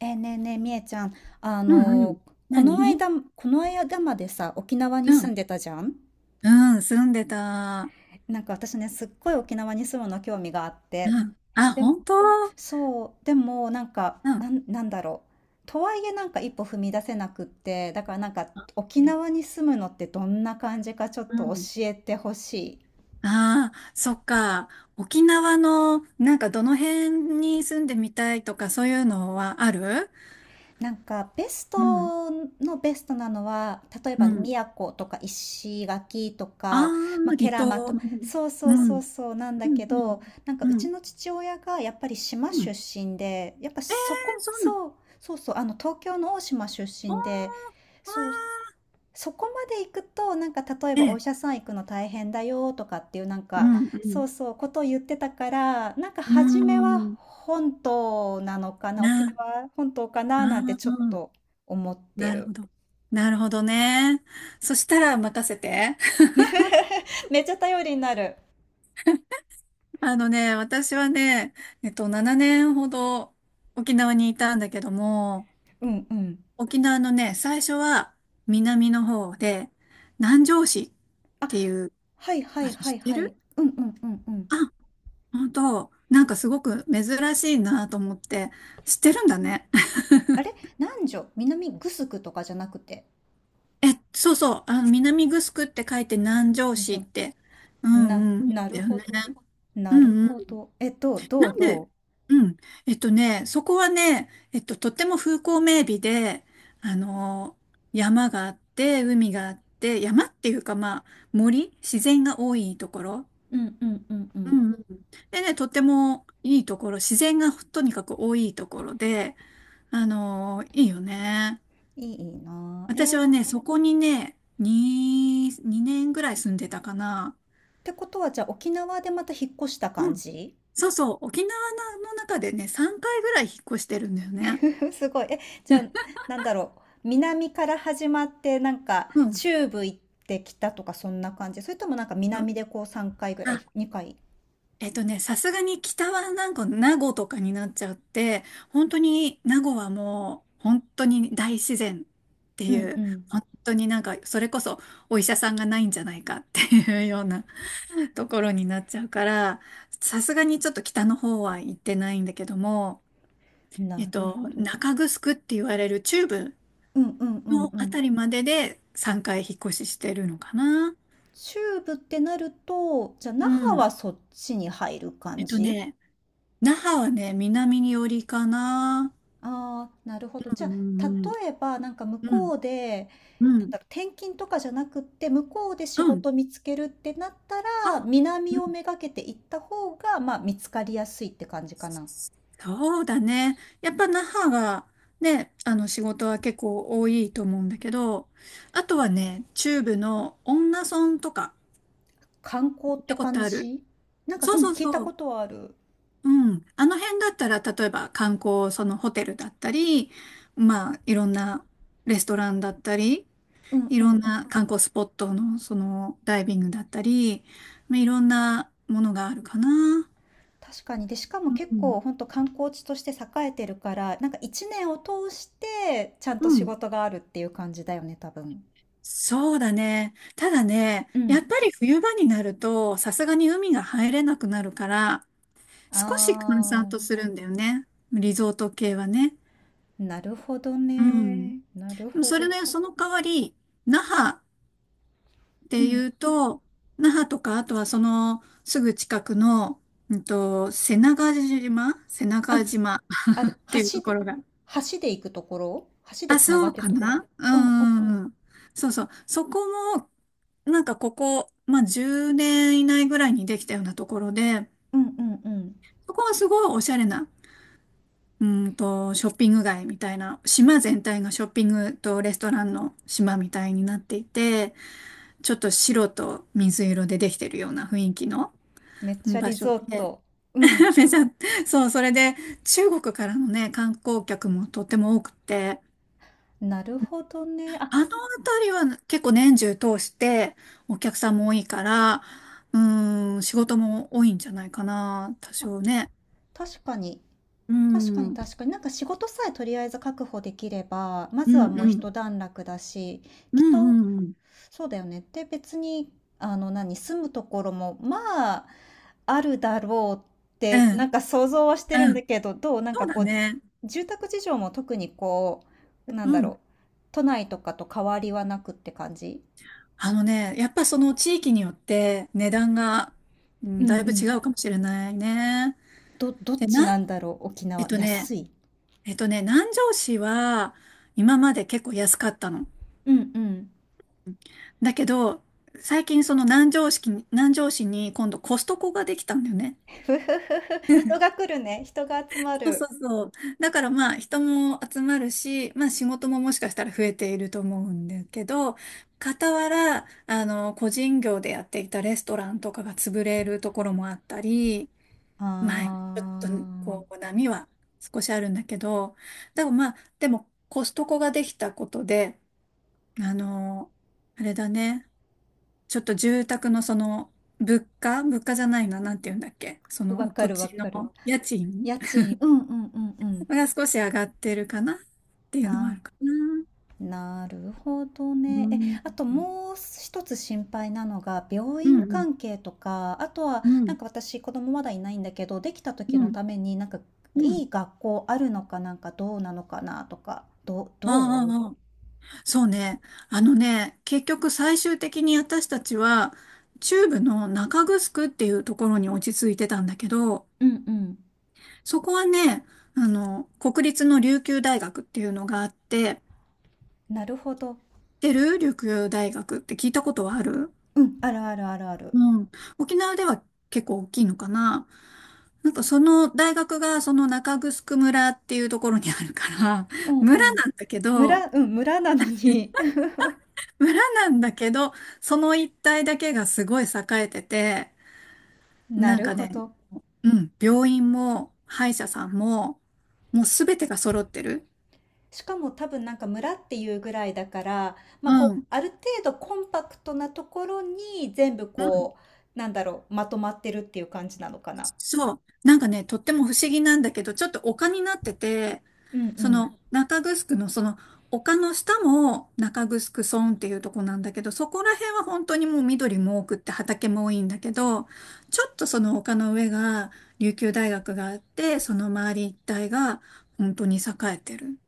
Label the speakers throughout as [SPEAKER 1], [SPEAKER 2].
[SPEAKER 1] ねえねえ、みえちゃん、あ
[SPEAKER 2] うんうん。
[SPEAKER 1] の、この
[SPEAKER 2] 何？
[SPEAKER 1] 間、この間までさ、沖縄に
[SPEAKER 2] う
[SPEAKER 1] 住ん
[SPEAKER 2] ん。
[SPEAKER 1] でたじゃん。
[SPEAKER 2] うん、住んでた。
[SPEAKER 1] なんか私ね、すっごい沖縄に住むの興味があって。
[SPEAKER 2] うん。あ、
[SPEAKER 1] で、
[SPEAKER 2] 本当？
[SPEAKER 1] そう、でもなんか、
[SPEAKER 2] うん。
[SPEAKER 1] なんだろう。とはいえなんか一歩踏み出せなくって、だからなんか沖縄に住むのってどんな感じかちょっ
[SPEAKER 2] う
[SPEAKER 1] と
[SPEAKER 2] ん。
[SPEAKER 1] 教えてほしい。
[SPEAKER 2] ああ、そっか。沖縄の、なんかどの辺に住んでみたいとかそういうのはある？
[SPEAKER 1] なんかベス
[SPEAKER 2] うん。
[SPEAKER 1] トのベストなのは、例え
[SPEAKER 2] う
[SPEAKER 1] ば
[SPEAKER 2] ん。
[SPEAKER 1] 宮古とか石垣と
[SPEAKER 2] ああ、
[SPEAKER 1] か、まあ、ケ
[SPEAKER 2] 離
[SPEAKER 1] ラ
[SPEAKER 2] 島。
[SPEAKER 1] マと。そうそ
[SPEAKER 2] う
[SPEAKER 1] うそう
[SPEAKER 2] ん。
[SPEAKER 1] そうなんだけど、なんか
[SPEAKER 2] う
[SPEAKER 1] うち
[SPEAKER 2] ん。
[SPEAKER 1] の父親がやっぱり島
[SPEAKER 2] う
[SPEAKER 1] 出
[SPEAKER 2] ん。
[SPEAKER 1] 身で、やっぱそ
[SPEAKER 2] え、
[SPEAKER 1] こ。
[SPEAKER 2] そんな、
[SPEAKER 1] そうそうそう、東京の大島出
[SPEAKER 2] おー、
[SPEAKER 1] 身
[SPEAKER 2] あ
[SPEAKER 1] で。そう、そこまで行くと、なんか例え
[SPEAKER 2] ー、え
[SPEAKER 1] ばお医
[SPEAKER 2] え、
[SPEAKER 1] 者さん行くの大変だよとかっていうなん
[SPEAKER 2] う
[SPEAKER 1] か、
[SPEAKER 2] ん、う
[SPEAKER 1] そ
[SPEAKER 2] ん。
[SPEAKER 1] うそう、ことを言ってたから、なんか
[SPEAKER 2] う
[SPEAKER 1] 初めは
[SPEAKER 2] ん。
[SPEAKER 1] 本島なのかな、沖
[SPEAKER 2] な、あ
[SPEAKER 1] 縄本島か
[SPEAKER 2] あ、
[SPEAKER 1] ななんてちょっと思って
[SPEAKER 2] なるほ
[SPEAKER 1] る。
[SPEAKER 2] ど。なるほどね。そしたら任せて。
[SPEAKER 1] めっちゃ頼りになる。
[SPEAKER 2] あのね、私はね、7年ほど沖縄にいたんだけども、
[SPEAKER 1] うんうん。
[SPEAKER 2] 沖縄のね、最初は南の方で、南城市っていう
[SPEAKER 1] はいは
[SPEAKER 2] 場
[SPEAKER 1] い
[SPEAKER 2] 所
[SPEAKER 1] は
[SPEAKER 2] 知っ
[SPEAKER 1] い
[SPEAKER 2] て
[SPEAKER 1] はい。
[SPEAKER 2] る？
[SPEAKER 1] うんうんうんうん。
[SPEAKER 2] あ、本当、なんかすごく珍しいなと思って、知ってるんだね。
[SPEAKER 1] あれ、南グスクとかじゃなくて。
[SPEAKER 2] え、そうそう、あの、南城って書いて南城市
[SPEAKER 1] じ
[SPEAKER 2] っ
[SPEAKER 1] ゃ、
[SPEAKER 2] て、うんうん、だ
[SPEAKER 1] なる
[SPEAKER 2] よ
[SPEAKER 1] ほ
[SPEAKER 2] ね。
[SPEAKER 1] ど。
[SPEAKER 2] う
[SPEAKER 1] なる
[SPEAKER 2] ん、
[SPEAKER 1] ほど。
[SPEAKER 2] なんで、うん。そこはね、とっても風光明媚で、あの、山があって、海があって、山っていうか、まあ、森、自然が多いところ。
[SPEAKER 1] うんうんうんう
[SPEAKER 2] う
[SPEAKER 1] ん。
[SPEAKER 2] んうん。でね、とってもいいところ、自然がとにかく多いところで、あの、いいよね。
[SPEAKER 1] いいなあ。
[SPEAKER 2] 私はね、そこにね、2年ぐらい住んでたかな。
[SPEAKER 1] ってことは、じゃあ沖縄でまた引っ越した
[SPEAKER 2] う
[SPEAKER 1] 感
[SPEAKER 2] ん。
[SPEAKER 1] じ？
[SPEAKER 2] そうそう、沖縄の中でね、3回ぐらい引っ越してるんだよね。
[SPEAKER 1] すごい。え、じゃあ、
[SPEAKER 2] う
[SPEAKER 1] なんだろう。南から始まって、なんか、
[SPEAKER 2] ん。
[SPEAKER 1] 中部行ってきたとか、そんな感じ。それともなんか南でこう3回ぐらい、
[SPEAKER 2] あ、
[SPEAKER 1] 2回。
[SPEAKER 2] さすがに北はなんか名護とかになっちゃって、本当に名護はもう本当に大自然って
[SPEAKER 1] う
[SPEAKER 2] い
[SPEAKER 1] ん
[SPEAKER 2] う、
[SPEAKER 1] う
[SPEAKER 2] 本当になんかそれこそお医者さんがないんじゃないかっていうような ところになっちゃうから、さすがにちょっと北の方は行ってないんだけども、
[SPEAKER 1] ん。
[SPEAKER 2] え
[SPEAKER 1] な
[SPEAKER 2] っ
[SPEAKER 1] る
[SPEAKER 2] と、
[SPEAKER 1] ほど。
[SPEAKER 2] 中城って言われる中部
[SPEAKER 1] うんうんうん
[SPEAKER 2] の
[SPEAKER 1] う
[SPEAKER 2] あ
[SPEAKER 1] ん。
[SPEAKER 2] たりまでで3回引っ越ししてるのかな。
[SPEAKER 1] 中部ってなると、じゃあ
[SPEAKER 2] う
[SPEAKER 1] 那覇は
[SPEAKER 2] ん。
[SPEAKER 1] そっちに入る
[SPEAKER 2] え
[SPEAKER 1] 感
[SPEAKER 2] っと
[SPEAKER 1] じ？
[SPEAKER 2] ね、那覇はね、南に寄りかな。
[SPEAKER 1] ああ、なるほど。じ
[SPEAKER 2] う
[SPEAKER 1] ゃあ、
[SPEAKER 2] ん
[SPEAKER 1] 例えば、なんか向
[SPEAKER 2] う
[SPEAKER 1] こ
[SPEAKER 2] ん
[SPEAKER 1] うで、
[SPEAKER 2] う
[SPEAKER 1] なん
[SPEAKER 2] ん
[SPEAKER 1] だろう、転勤とかじゃなくって、向こうで仕
[SPEAKER 2] うん、
[SPEAKER 1] 事見つけるってなった
[SPEAKER 2] あ、
[SPEAKER 1] ら、南
[SPEAKER 2] うん、
[SPEAKER 1] をめがけて行った方が、まあ、見つかりやすいって感じかな。
[SPEAKER 2] そうだね。やっぱ那覇がね、あの仕事は結構多いと思うんだけど、あとはね、中部の恩納村とか
[SPEAKER 1] 観光っ
[SPEAKER 2] 行っ
[SPEAKER 1] て
[SPEAKER 2] たこ
[SPEAKER 1] 感
[SPEAKER 2] とある？
[SPEAKER 1] じ？なんか、
[SPEAKER 2] そ
[SPEAKER 1] う
[SPEAKER 2] う
[SPEAKER 1] ん、
[SPEAKER 2] そう
[SPEAKER 1] 聞いた
[SPEAKER 2] そう。
[SPEAKER 1] ことはある。
[SPEAKER 2] うん。あの辺だったら、例えば観光、そのホテルだったり、まあ、いろんなレストランだったり、
[SPEAKER 1] うん
[SPEAKER 2] い
[SPEAKER 1] う
[SPEAKER 2] ろん
[SPEAKER 1] んう
[SPEAKER 2] な
[SPEAKER 1] ん。
[SPEAKER 2] 観光スポットの、そのダイビングだったり、まあ、いろんなものがあるかな。
[SPEAKER 1] 確かに。で、しかも結
[SPEAKER 2] う
[SPEAKER 1] 構、
[SPEAKER 2] ん。
[SPEAKER 1] 本当観光地として栄えてるから、なんか一年を通して、ちゃん
[SPEAKER 2] う
[SPEAKER 1] と仕
[SPEAKER 2] ん、
[SPEAKER 1] 事があるっていう感じだよね、多分。
[SPEAKER 2] そうだね。ただね、
[SPEAKER 1] う
[SPEAKER 2] や
[SPEAKER 1] ん。
[SPEAKER 2] っぱり冬場になると、さすがに海が入れなくなるから、少し閑散
[SPEAKER 1] あ、
[SPEAKER 2] とするんだよね。リゾート系はね。
[SPEAKER 1] なるほど
[SPEAKER 2] うん。
[SPEAKER 1] ね。なる
[SPEAKER 2] でも
[SPEAKER 1] ほ
[SPEAKER 2] それ
[SPEAKER 1] ど。
[SPEAKER 2] ね、その代わり、那覇っ
[SPEAKER 1] う
[SPEAKER 2] て
[SPEAKER 1] ん。
[SPEAKER 2] いうと、那覇とか、あとはそのすぐ近くの、うんと、瀬長島瀬
[SPEAKER 1] あ、
[SPEAKER 2] 長島っ
[SPEAKER 1] あれ、
[SPEAKER 2] ていうと
[SPEAKER 1] 橋
[SPEAKER 2] こ
[SPEAKER 1] で
[SPEAKER 2] ろが、
[SPEAKER 1] 橋で行くところ？橋で
[SPEAKER 2] あ、
[SPEAKER 1] 繋が
[SPEAKER 2] そう
[SPEAKER 1] ってる
[SPEAKER 2] か
[SPEAKER 1] ところ。
[SPEAKER 2] な、
[SPEAKER 1] うんうん
[SPEAKER 2] うん。そうそう。そこも、なんかここ、まあ、10年以内ぐらいにできたようなところで、
[SPEAKER 1] うんうんうん。
[SPEAKER 2] そこはすごいおしゃれな、うんと、ショッピング街みたいな、島全体がショッピングとレストランの島みたいになっていて、ちょっと白と水色でできてるような雰囲気の、
[SPEAKER 1] めっ
[SPEAKER 2] う
[SPEAKER 1] ち
[SPEAKER 2] ん、
[SPEAKER 1] ゃ
[SPEAKER 2] 場
[SPEAKER 1] リ
[SPEAKER 2] 所
[SPEAKER 1] ゾー
[SPEAKER 2] で、
[SPEAKER 1] ト。うん。
[SPEAKER 2] めちゃ、そう、それで中国からのね、観光客もとっても多くて、
[SPEAKER 1] なるほどね。あ、
[SPEAKER 2] あのあたりは結構年中通してお客さんも多いから、うーん、仕事も多いんじゃないかな、多
[SPEAKER 1] あ、
[SPEAKER 2] 少ね。
[SPEAKER 1] 確かに。
[SPEAKER 2] う
[SPEAKER 1] 確か
[SPEAKER 2] ん、う
[SPEAKER 1] に
[SPEAKER 2] ん、
[SPEAKER 1] 確かに。なんか仕事さえとりあえず確保できれば、ま
[SPEAKER 2] う
[SPEAKER 1] ずはもう
[SPEAKER 2] ん、
[SPEAKER 1] 一段落だし、
[SPEAKER 2] う
[SPEAKER 1] きっと
[SPEAKER 2] ん、うん、
[SPEAKER 1] そうだよね。で、別に、何、住むところも、まあ、あるだろうっ
[SPEAKER 2] う
[SPEAKER 1] て、な
[SPEAKER 2] ん、
[SPEAKER 1] んか想像はしてるん
[SPEAKER 2] う
[SPEAKER 1] だ
[SPEAKER 2] ん、
[SPEAKER 1] けど、どうなん
[SPEAKER 2] そ
[SPEAKER 1] か
[SPEAKER 2] うだ
[SPEAKER 1] こう、
[SPEAKER 2] ね。
[SPEAKER 1] 住宅事情も特にこう、な
[SPEAKER 2] う
[SPEAKER 1] んだ
[SPEAKER 2] ん。
[SPEAKER 1] ろう、都内とかと変わりはなくって感じ？
[SPEAKER 2] あのね、やっぱその地域によって値段が、う
[SPEAKER 1] う
[SPEAKER 2] ん、
[SPEAKER 1] んう
[SPEAKER 2] だいぶ違
[SPEAKER 1] ん。
[SPEAKER 2] うかもしれないね。
[SPEAKER 1] どっ
[SPEAKER 2] で、
[SPEAKER 1] ち
[SPEAKER 2] な、
[SPEAKER 1] なんだろう、沖
[SPEAKER 2] えっ
[SPEAKER 1] 縄。
[SPEAKER 2] とね、
[SPEAKER 1] 安い？
[SPEAKER 2] えっとね、南城市は今まで結構安かったの。
[SPEAKER 1] うんうん。
[SPEAKER 2] だけど、最近その南城市に、南城市に今度コストコができたんだよね。
[SPEAKER 1] ふふふふ。人が来るね。人が集ま
[SPEAKER 2] そうそ
[SPEAKER 1] る。
[SPEAKER 2] うそう。だからまあ人も集まるし、まあ仕事ももしかしたら増えていると思うんだけど、傍ら、あの、個人業でやっていたレストランとかが潰れるところもあったり、
[SPEAKER 1] あ
[SPEAKER 2] まあちょっとこう波は少しあるんだけど、でもまあ、でもコストコができたことで、あの、あれだね。ちょっと住宅のその、物価じゃないな、なんて言うんだっけ、そ
[SPEAKER 1] ー。わ
[SPEAKER 2] の
[SPEAKER 1] か
[SPEAKER 2] 土
[SPEAKER 1] るわ
[SPEAKER 2] 地
[SPEAKER 1] かる。
[SPEAKER 2] の家賃
[SPEAKER 1] 家賃。うんうんうんうん。
[SPEAKER 2] が少し上がってるかなっていうのはあ
[SPEAKER 1] あー。
[SPEAKER 2] るかな。
[SPEAKER 1] なるほど
[SPEAKER 2] う
[SPEAKER 1] ね。え、
[SPEAKER 2] ん。
[SPEAKER 1] あともう一つ心配なのが、病
[SPEAKER 2] うん、
[SPEAKER 1] 院
[SPEAKER 2] うん、
[SPEAKER 1] 関係とか、あとは、
[SPEAKER 2] う
[SPEAKER 1] なんか私、子供まだいないんだけど、できた時の
[SPEAKER 2] ん、
[SPEAKER 1] ために、なんか、
[SPEAKER 2] う
[SPEAKER 1] い
[SPEAKER 2] ん。
[SPEAKER 1] い学校あるのかなんかどうなのかなとか、どう、うどうん
[SPEAKER 2] ああ、そうね。あのね、結局最終的に私たちは、中部の中城っていうところに落ち着いてたんだけど、
[SPEAKER 1] うんうん。
[SPEAKER 2] そこはね、あの、国立の琉球大学っていうのがあって、
[SPEAKER 1] なるほど。
[SPEAKER 2] 知ってる？琉球大学って聞いたことはある？
[SPEAKER 1] うん、あるあるあるある。
[SPEAKER 2] うん。沖縄では結構大きいのかな。なんかその大学がその中城村っていうところにあるから、
[SPEAKER 1] う んう
[SPEAKER 2] 村
[SPEAKER 1] ん。
[SPEAKER 2] なんだけど、
[SPEAKER 1] 村、うん、村なのに。
[SPEAKER 2] 村なんだけど、その一帯だけがすごい栄えてて、
[SPEAKER 1] な
[SPEAKER 2] なん
[SPEAKER 1] る
[SPEAKER 2] か
[SPEAKER 1] ほ
[SPEAKER 2] ね、
[SPEAKER 1] ど。
[SPEAKER 2] うん、病院も歯医者さんも、もうすべてが揃ってる。
[SPEAKER 1] しかも多分なんか村っていうぐらいだから、ま
[SPEAKER 2] う
[SPEAKER 1] あ、こう
[SPEAKER 2] ん。
[SPEAKER 1] ある程度コンパクトなところに全部
[SPEAKER 2] うん、
[SPEAKER 1] こうなんだろうまとまってるっていう感じなのかな。
[SPEAKER 2] そう。なんかね、とっても不思議なんだけど、ちょっと丘になってて、
[SPEAKER 1] う
[SPEAKER 2] そ
[SPEAKER 1] ん
[SPEAKER 2] の中城のその丘の下も中城村っていうとこなんだけど、そこら辺は本当にもう緑も多くって畑も多いんだけど、ちょっとその丘の上が琉球大学があって、その周り一帯が本当に栄えてる。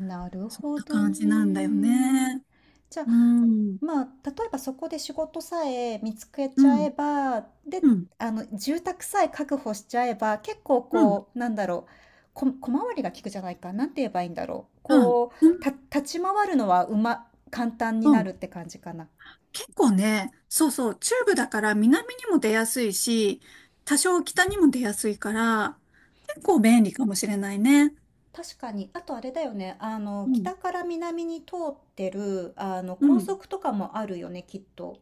[SPEAKER 1] うん。なる
[SPEAKER 2] そん
[SPEAKER 1] ほ
[SPEAKER 2] な
[SPEAKER 1] ど
[SPEAKER 2] 感じなんだよ
[SPEAKER 1] ね。
[SPEAKER 2] ね。
[SPEAKER 1] じゃあ
[SPEAKER 2] うん。
[SPEAKER 1] まあ例えばそこで仕事さえ見つけ
[SPEAKER 2] う
[SPEAKER 1] ちゃえ
[SPEAKER 2] ん。
[SPEAKER 1] ばで、
[SPEAKER 2] うん。
[SPEAKER 1] 住宅さえ確保しちゃえば、結構
[SPEAKER 2] うん。
[SPEAKER 1] こうなんだろう、小回りが利くじゃないかなんて、言えばいいんだろう、
[SPEAKER 2] うん。
[SPEAKER 1] こう
[SPEAKER 2] うん。
[SPEAKER 1] 立ち回るのは、簡単に
[SPEAKER 2] う
[SPEAKER 1] な
[SPEAKER 2] ん。
[SPEAKER 1] るって感じかな。
[SPEAKER 2] 結構ね、そうそう、中部だから南にも出やすいし、多少北にも出やすいから、結構
[SPEAKER 1] た
[SPEAKER 2] 便利かもしれないね。
[SPEAKER 1] 確かに。あとあれだよね。
[SPEAKER 2] うん、
[SPEAKER 1] 北から南に通ってる、
[SPEAKER 2] う
[SPEAKER 1] 高
[SPEAKER 2] ん、
[SPEAKER 1] 速とかもあるよね、きっと。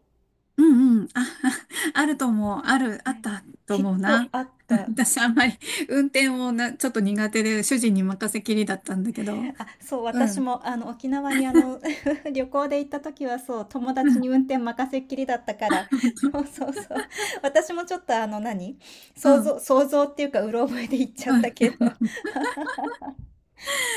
[SPEAKER 2] うん、うん。あ、あると思う。ある、あっ
[SPEAKER 1] ね。
[SPEAKER 2] たと
[SPEAKER 1] きっ
[SPEAKER 2] 思う
[SPEAKER 1] と
[SPEAKER 2] な。
[SPEAKER 1] あっ た。
[SPEAKER 2] 私あんまり運転をな、ちょっと苦手で主人に任せきりだったんだけど。
[SPEAKER 1] あ、そう、
[SPEAKER 2] う
[SPEAKER 1] 私
[SPEAKER 2] ん、
[SPEAKER 1] も、沖縄に、旅行で行った時は、そう、友
[SPEAKER 2] う
[SPEAKER 1] 達
[SPEAKER 2] ん、
[SPEAKER 1] に運 転任せっきりだったから、
[SPEAKER 2] 本当、
[SPEAKER 1] そうそうそう。私もちょっと、何、
[SPEAKER 2] う
[SPEAKER 1] 想
[SPEAKER 2] ん、
[SPEAKER 1] 像、想像っていうか、うろ覚えで行っちゃっ
[SPEAKER 2] う
[SPEAKER 1] た
[SPEAKER 2] ん。
[SPEAKER 1] けど。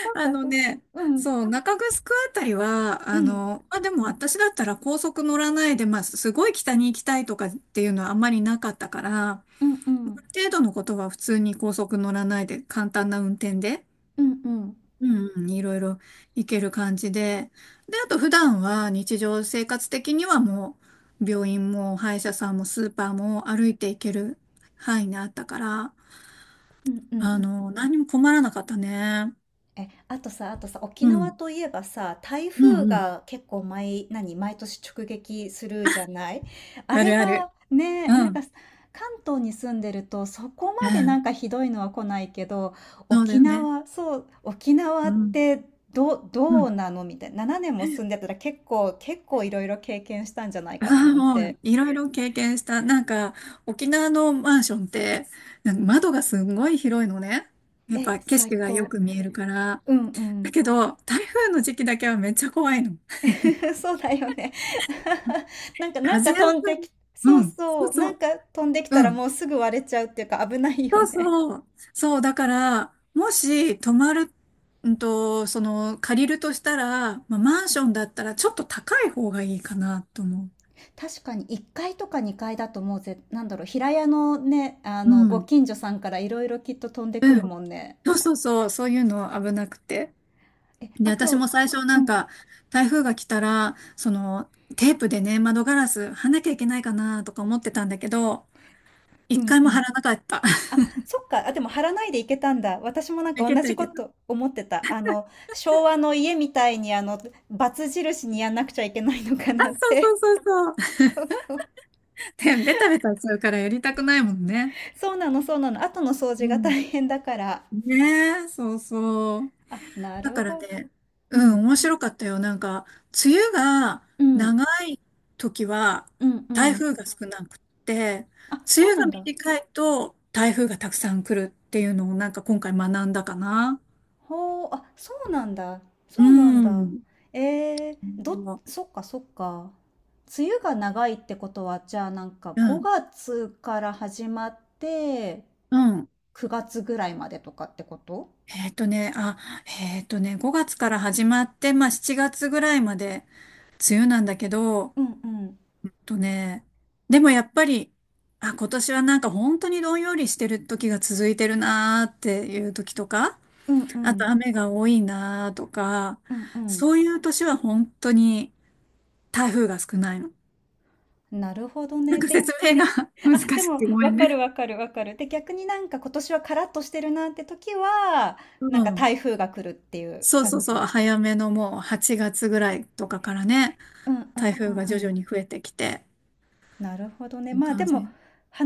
[SPEAKER 1] そう
[SPEAKER 2] あ
[SPEAKER 1] か、
[SPEAKER 2] の
[SPEAKER 1] そうか。
[SPEAKER 2] ね、
[SPEAKER 1] うん、
[SPEAKER 2] そう、中城あたりは、
[SPEAKER 1] う
[SPEAKER 2] あ
[SPEAKER 1] ん、
[SPEAKER 2] の、まあ、でも私だったら高速乗らないで、まあ、すごい北に行きたいとかっていうのはあんまりなかったから、ま、
[SPEAKER 1] うん、うん、
[SPEAKER 2] ある程度のことは普通に高速乗らないで、簡単な運転で、
[SPEAKER 1] うん、うん、うん、
[SPEAKER 2] うんうん、いろいろ行ける感じで、で、あと普段は日常生活的にはもう、病院も歯医者さんもスーパーも歩いて行ける範囲にあったから、
[SPEAKER 1] うん、う
[SPEAKER 2] あ
[SPEAKER 1] ん。
[SPEAKER 2] の、何も困らなかったね。
[SPEAKER 1] え、あとさ、沖
[SPEAKER 2] う
[SPEAKER 1] 縄
[SPEAKER 2] ん、
[SPEAKER 1] といえばさ、台
[SPEAKER 2] う
[SPEAKER 1] 風
[SPEAKER 2] ん、うん。
[SPEAKER 1] が結構毎年直撃するじゃない？あ
[SPEAKER 2] あ
[SPEAKER 1] れ
[SPEAKER 2] るあ
[SPEAKER 1] が
[SPEAKER 2] る。
[SPEAKER 1] ね、な
[SPEAKER 2] う
[SPEAKER 1] んか
[SPEAKER 2] ん。
[SPEAKER 1] 関東に住んでるとそこ
[SPEAKER 2] う
[SPEAKER 1] までなん
[SPEAKER 2] ん。
[SPEAKER 1] かひどいのは来ないけど、
[SPEAKER 2] そうだ
[SPEAKER 1] 沖
[SPEAKER 2] よね。
[SPEAKER 1] 縄、そう、沖縄
[SPEAKER 2] う
[SPEAKER 1] っ
[SPEAKER 2] ん。
[SPEAKER 1] て
[SPEAKER 2] う
[SPEAKER 1] どう
[SPEAKER 2] ん。
[SPEAKER 1] なのみたいな。7年も住んでたら、結構いろいろ経験したんじゃな い
[SPEAKER 2] あ
[SPEAKER 1] か
[SPEAKER 2] あ、
[SPEAKER 1] ななん
[SPEAKER 2] も
[SPEAKER 1] て。
[SPEAKER 2] う、いろいろ経験した。なんか、沖縄のマンションって、なんか窓がすんごい広いのね。やっ
[SPEAKER 1] え、
[SPEAKER 2] ぱ景
[SPEAKER 1] 最
[SPEAKER 2] 色がよ
[SPEAKER 1] 高。
[SPEAKER 2] く見えるから。
[SPEAKER 1] うんう
[SPEAKER 2] だ
[SPEAKER 1] ん。
[SPEAKER 2] けど、台風の時期だけはめっちゃ怖いの。
[SPEAKER 1] そうだよね。なんか、
[SPEAKER 2] 風当
[SPEAKER 1] 飛
[SPEAKER 2] た
[SPEAKER 1] んで
[SPEAKER 2] り。
[SPEAKER 1] き、そ
[SPEAKER 2] う
[SPEAKER 1] う
[SPEAKER 2] ん。そ
[SPEAKER 1] そ
[SPEAKER 2] う
[SPEAKER 1] う、
[SPEAKER 2] そ
[SPEAKER 1] なん
[SPEAKER 2] う。
[SPEAKER 1] か飛んできた
[SPEAKER 2] う
[SPEAKER 1] ら
[SPEAKER 2] ん。
[SPEAKER 1] もうすぐ割れちゃうっていうか危ないよ
[SPEAKER 2] そう
[SPEAKER 1] ね。
[SPEAKER 2] そう。そう、だから、もし泊まる、うんと、その、借りるとしたら、まあ、マンションだったらちょっと高い方がいいかなと思
[SPEAKER 1] 確かに1階とか2階だと、もうなんだろう、平屋のね、
[SPEAKER 2] う。う
[SPEAKER 1] ご
[SPEAKER 2] ん。
[SPEAKER 1] 近所さんからいろいろきっと飛んでく
[SPEAKER 2] う
[SPEAKER 1] る
[SPEAKER 2] ん。
[SPEAKER 1] もんね。
[SPEAKER 2] そうそうそう、そういうの危なくて。
[SPEAKER 1] え、
[SPEAKER 2] で、
[SPEAKER 1] あ
[SPEAKER 2] 私
[SPEAKER 1] と、
[SPEAKER 2] も最初
[SPEAKER 1] う
[SPEAKER 2] なん
[SPEAKER 1] ん、
[SPEAKER 2] か、台風が来たら、その、テープでね、窓ガラス貼んなきゃいけないかなとか思ってたんだけど、
[SPEAKER 1] う
[SPEAKER 2] 一
[SPEAKER 1] ん、
[SPEAKER 2] 回
[SPEAKER 1] う
[SPEAKER 2] も貼
[SPEAKER 1] ん。
[SPEAKER 2] らなかった。
[SPEAKER 1] あ、そっか。あ、でも張らないでいけたんだ。私もなん
[SPEAKER 2] い
[SPEAKER 1] か
[SPEAKER 2] け
[SPEAKER 1] 同
[SPEAKER 2] た
[SPEAKER 1] じ
[SPEAKER 2] い
[SPEAKER 1] こ
[SPEAKER 2] けた。
[SPEAKER 1] と思ってた。昭和の家みたいに、バツ印にやんなくちゃいけないのか
[SPEAKER 2] あ、
[SPEAKER 1] なっ
[SPEAKER 2] そ
[SPEAKER 1] て。
[SPEAKER 2] うそうそうそう。
[SPEAKER 1] そうそう。
[SPEAKER 2] で、ベタベタしちゃうからやりたくないもんね。
[SPEAKER 1] そうなの、そうなの。後の掃
[SPEAKER 2] う
[SPEAKER 1] 除が大
[SPEAKER 2] ん。
[SPEAKER 1] 変だから。
[SPEAKER 2] ねえ、そうそう。
[SPEAKER 1] あ、な
[SPEAKER 2] だ
[SPEAKER 1] る
[SPEAKER 2] から
[SPEAKER 1] ほど。
[SPEAKER 2] ね、
[SPEAKER 1] う
[SPEAKER 2] うん、
[SPEAKER 1] ん。
[SPEAKER 2] 面白かったよ。なんか、梅雨が
[SPEAKER 1] うん。
[SPEAKER 2] 長時は
[SPEAKER 1] うんう
[SPEAKER 2] 台
[SPEAKER 1] ん。
[SPEAKER 2] 風が少なくって、
[SPEAKER 1] あ、そ
[SPEAKER 2] 梅
[SPEAKER 1] う
[SPEAKER 2] 雨
[SPEAKER 1] な
[SPEAKER 2] が
[SPEAKER 1] んだ。
[SPEAKER 2] 短いと台風がたくさん来るっていうのをなんか今回学んだかな。
[SPEAKER 1] ほう、あ、そうなんだ。そうなん
[SPEAKER 2] う
[SPEAKER 1] だ。
[SPEAKER 2] ん。う
[SPEAKER 1] そっかそっか。梅雨が長いってことは、じゃあなんか
[SPEAKER 2] ん。
[SPEAKER 1] 5月から始まって
[SPEAKER 2] うん。
[SPEAKER 1] 9月ぐらいまでとかってこと？
[SPEAKER 2] えっとね、あ、えっとね、5月から始まって、まあ7月ぐらいまで梅雨なんだけど、
[SPEAKER 1] うんうん。
[SPEAKER 2] とね、でもやっぱり、あ、今年はなんか本当にどんよりしてる時が続いてるなーっていう時とか、
[SPEAKER 1] うんう
[SPEAKER 2] あと
[SPEAKER 1] ん。
[SPEAKER 2] 雨が多いなとか、
[SPEAKER 1] うんうん。
[SPEAKER 2] そういう年は本当に台風が少ないの。
[SPEAKER 1] なるほど
[SPEAKER 2] なん
[SPEAKER 1] ね。
[SPEAKER 2] か
[SPEAKER 1] で
[SPEAKER 2] 説明が 難
[SPEAKER 1] あ、で
[SPEAKER 2] しく
[SPEAKER 1] も、
[SPEAKER 2] てごめ
[SPEAKER 1] わ
[SPEAKER 2] ん
[SPEAKER 1] か
[SPEAKER 2] ね。
[SPEAKER 1] るわかるわかる。で、逆になんか今年はカラッとしてるなって時は、
[SPEAKER 2] う
[SPEAKER 1] なんか
[SPEAKER 2] ん。
[SPEAKER 1] 台風が来るっていう
[SPEAKER 2] そうそ
[SPEAKER 1] 感
[SPEAKER 2] うそう、
[SPEAKER 1] じ。
[SPEAKER 2] 早めのもう8月ぐらいとかからね、
[SPEAKER 1] うんう
[SPEAKER 2] 台
[SPEAKER 1] んう
[SPEAKER 2] 風
[SPEAKER 1] ん
[SPEAKER 2] が
[SPEAKER 1] う
[SPEAKER 2] 徐々
[SPEAKER 1] ん。
[SPEAKER 2] に増えてきて、
[SPEAKER 1] なるほどね。
[SPEAKER 2] いう
[SPEAKER 1] まあで
[SPEAKER 2] 感
[SPEAKER 1] も、
[SPEAKER 2] じ。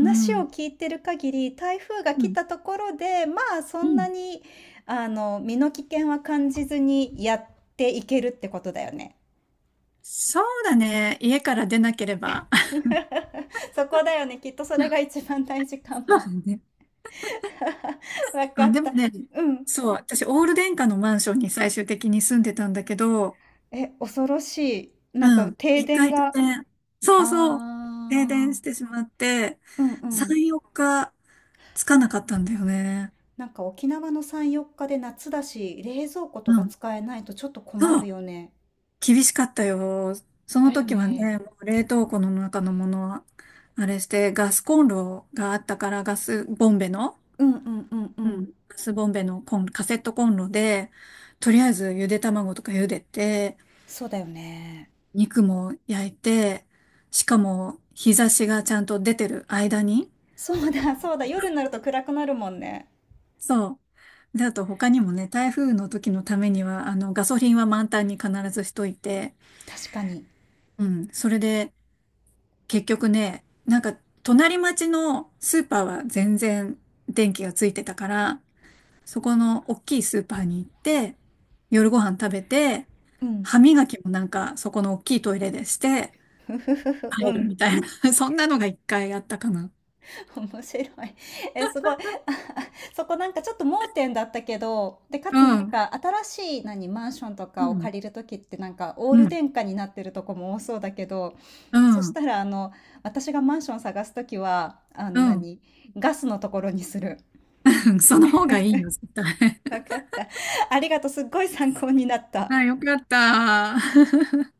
[SPEAKER 2] う
[SPEAKER 1] を
[SPEAKER 2] ん。
[SPEAKER 1] 聞いてる限り、台風が
[SPEAKER 2] う
[SPEAKER 1] 来
[SPEAKER 2] ん。
[SPEAKER 1] たところで、まあそ
[SPEAKER 2] う
[SPEAKER 1] ん
[SPEAKER 2] ん。
[SPEAKER 1] なに、身の危険は感じずにやっていけるってことだよね。
[SPEAKER 2] そうだね。家から出なければ。
[SPEAKER 1] そこだよね。きっとそれが一番大事
[SPEAKER 2] そ
[SPEAKER 1] か
[SPEAKER 2] う
[SPEAKER 1] も。
[SPEAKER 2] だね。
[SPEAKER 1] わ か
[SPEAKER 2] あ、
[SPEAKER 1] っ
[SPEAKER 2] でも
[SPEAKER 1] た。
[SPEAKER 2] ね、
[SPEAKER 1] うん。
[SPEAKER 2] そう、私、オール電化のマンションに最終的に住んでたんだけど、
[SPEAKER 1] え、恐ろしい。なん
[SPEAKER 2] う
[SPEAKER 1] か
[SPEAKER 2] ん。
[SPEAKER 1] 停
[SPEAKER 2] 一
[SPEAKER 1] 電
[SPEAKER 2] 回停
[SPEAKER 1] が。あ
[SPEAKER 2] 電。そうそう。停電
[SPEAKER 1] あ、
[SPEAKER 2] してしまって、
[SPEAKER 1] うんうん。
[SPEAKER 2] 3、4日つかなかったんだよね。
[SPEAKER 1] なんか沖縄の3、4日で夏だし、冷蔵庫
[SPEAKER 2] う
[SPEAKER 1] とか
[SPEAKER 2] ん。
[SPEAKER 1] 使えないとちょっと困
[SPEAKER 2] そ
[SPEAKER 1] る
[SPEAKER 2] う。
[SPEAKER 1] よね。
[SPEAKER 2] 厳しかったよ。その
[SPEAKER 1] だよ
[SPEAKER 2] 時は
[SPEAKER 1] ね。
[SPEAKER 2] ね、もう冷凍庫の中のものは、あれして、ガスコンロがあったから、ガスボンベの、
[SPEAKER 1] うんうんうんう
[SPEAKER 2] うん。
[SPEAKER 1] ん。
[SPEAKER 2] ガスボンベのコン、カセットコンロで、とりあえずゆで卵とか茹でて、
[SPEAKER 1] そうだよね。
[SPEAKER 2] 肉も焼いて、しかも日差しがちゃんと出てる間に、
[SPEAKER 1] そうだそうだ。夜になると暗くなるもんね。
[SPEAKER 2] そう。で、あと他にもね、台風の時のためには、あの、ガソリンは満タンに必ずしといて、
[SPEAKER 1] 確かに。
[SPEAKER 2] うん、それで結局ね、なんか隣町のスーパーは全然電気がついてたから、そこの大きいスーパーに行って、夜ご飯食べて、
[SPEAKER 1] うん。
[SPEAKER 2] 歯磨きもなんかそこの大きいトイレでして、
[SPEAKER 1] ふふふふ。う
[SPEAKER 2] 帰る
[SPEAKER 1] ん。
[SPEAKER 2] みたいな、そんなのが一回あったかな。
[SPEAKER 1] 面白い。え、すごい。そこなんかちょっと盲点だったけど、で、かつな
[SPEAKER 2] う
[SPEAKER 1] ん
[SPEAKER 2] ん、
[SPEAKER 1] か新しいマンションと
[SPEAKER 2] う
[SPEAKER 1] かを
[SPEAKER 2] ん、
[SPEAKER 1] 借りるときって、なんかオー
[SPEAKER 2] う
[SPEAKER 1] ル
[SPEAKER 2] ん、
[SPEAKER 1] 電化になってるとこも多そうだけど、
[SPEAKER 2] う
[SPEAKER 1] そし
[SPEAKER 2] ん、
[SPEAKER 1] たら私がマンション探すときは、
[SPEAKER 2] う
[SPEAKER 1] 何、ガスのところにする。
[SPEAKER 2] ん、その方がいいよ、絶対。
[SPEAKER 1] わかった。ありがとう。すっごい参考になった。
[SPEAKER 2] あ、よかった。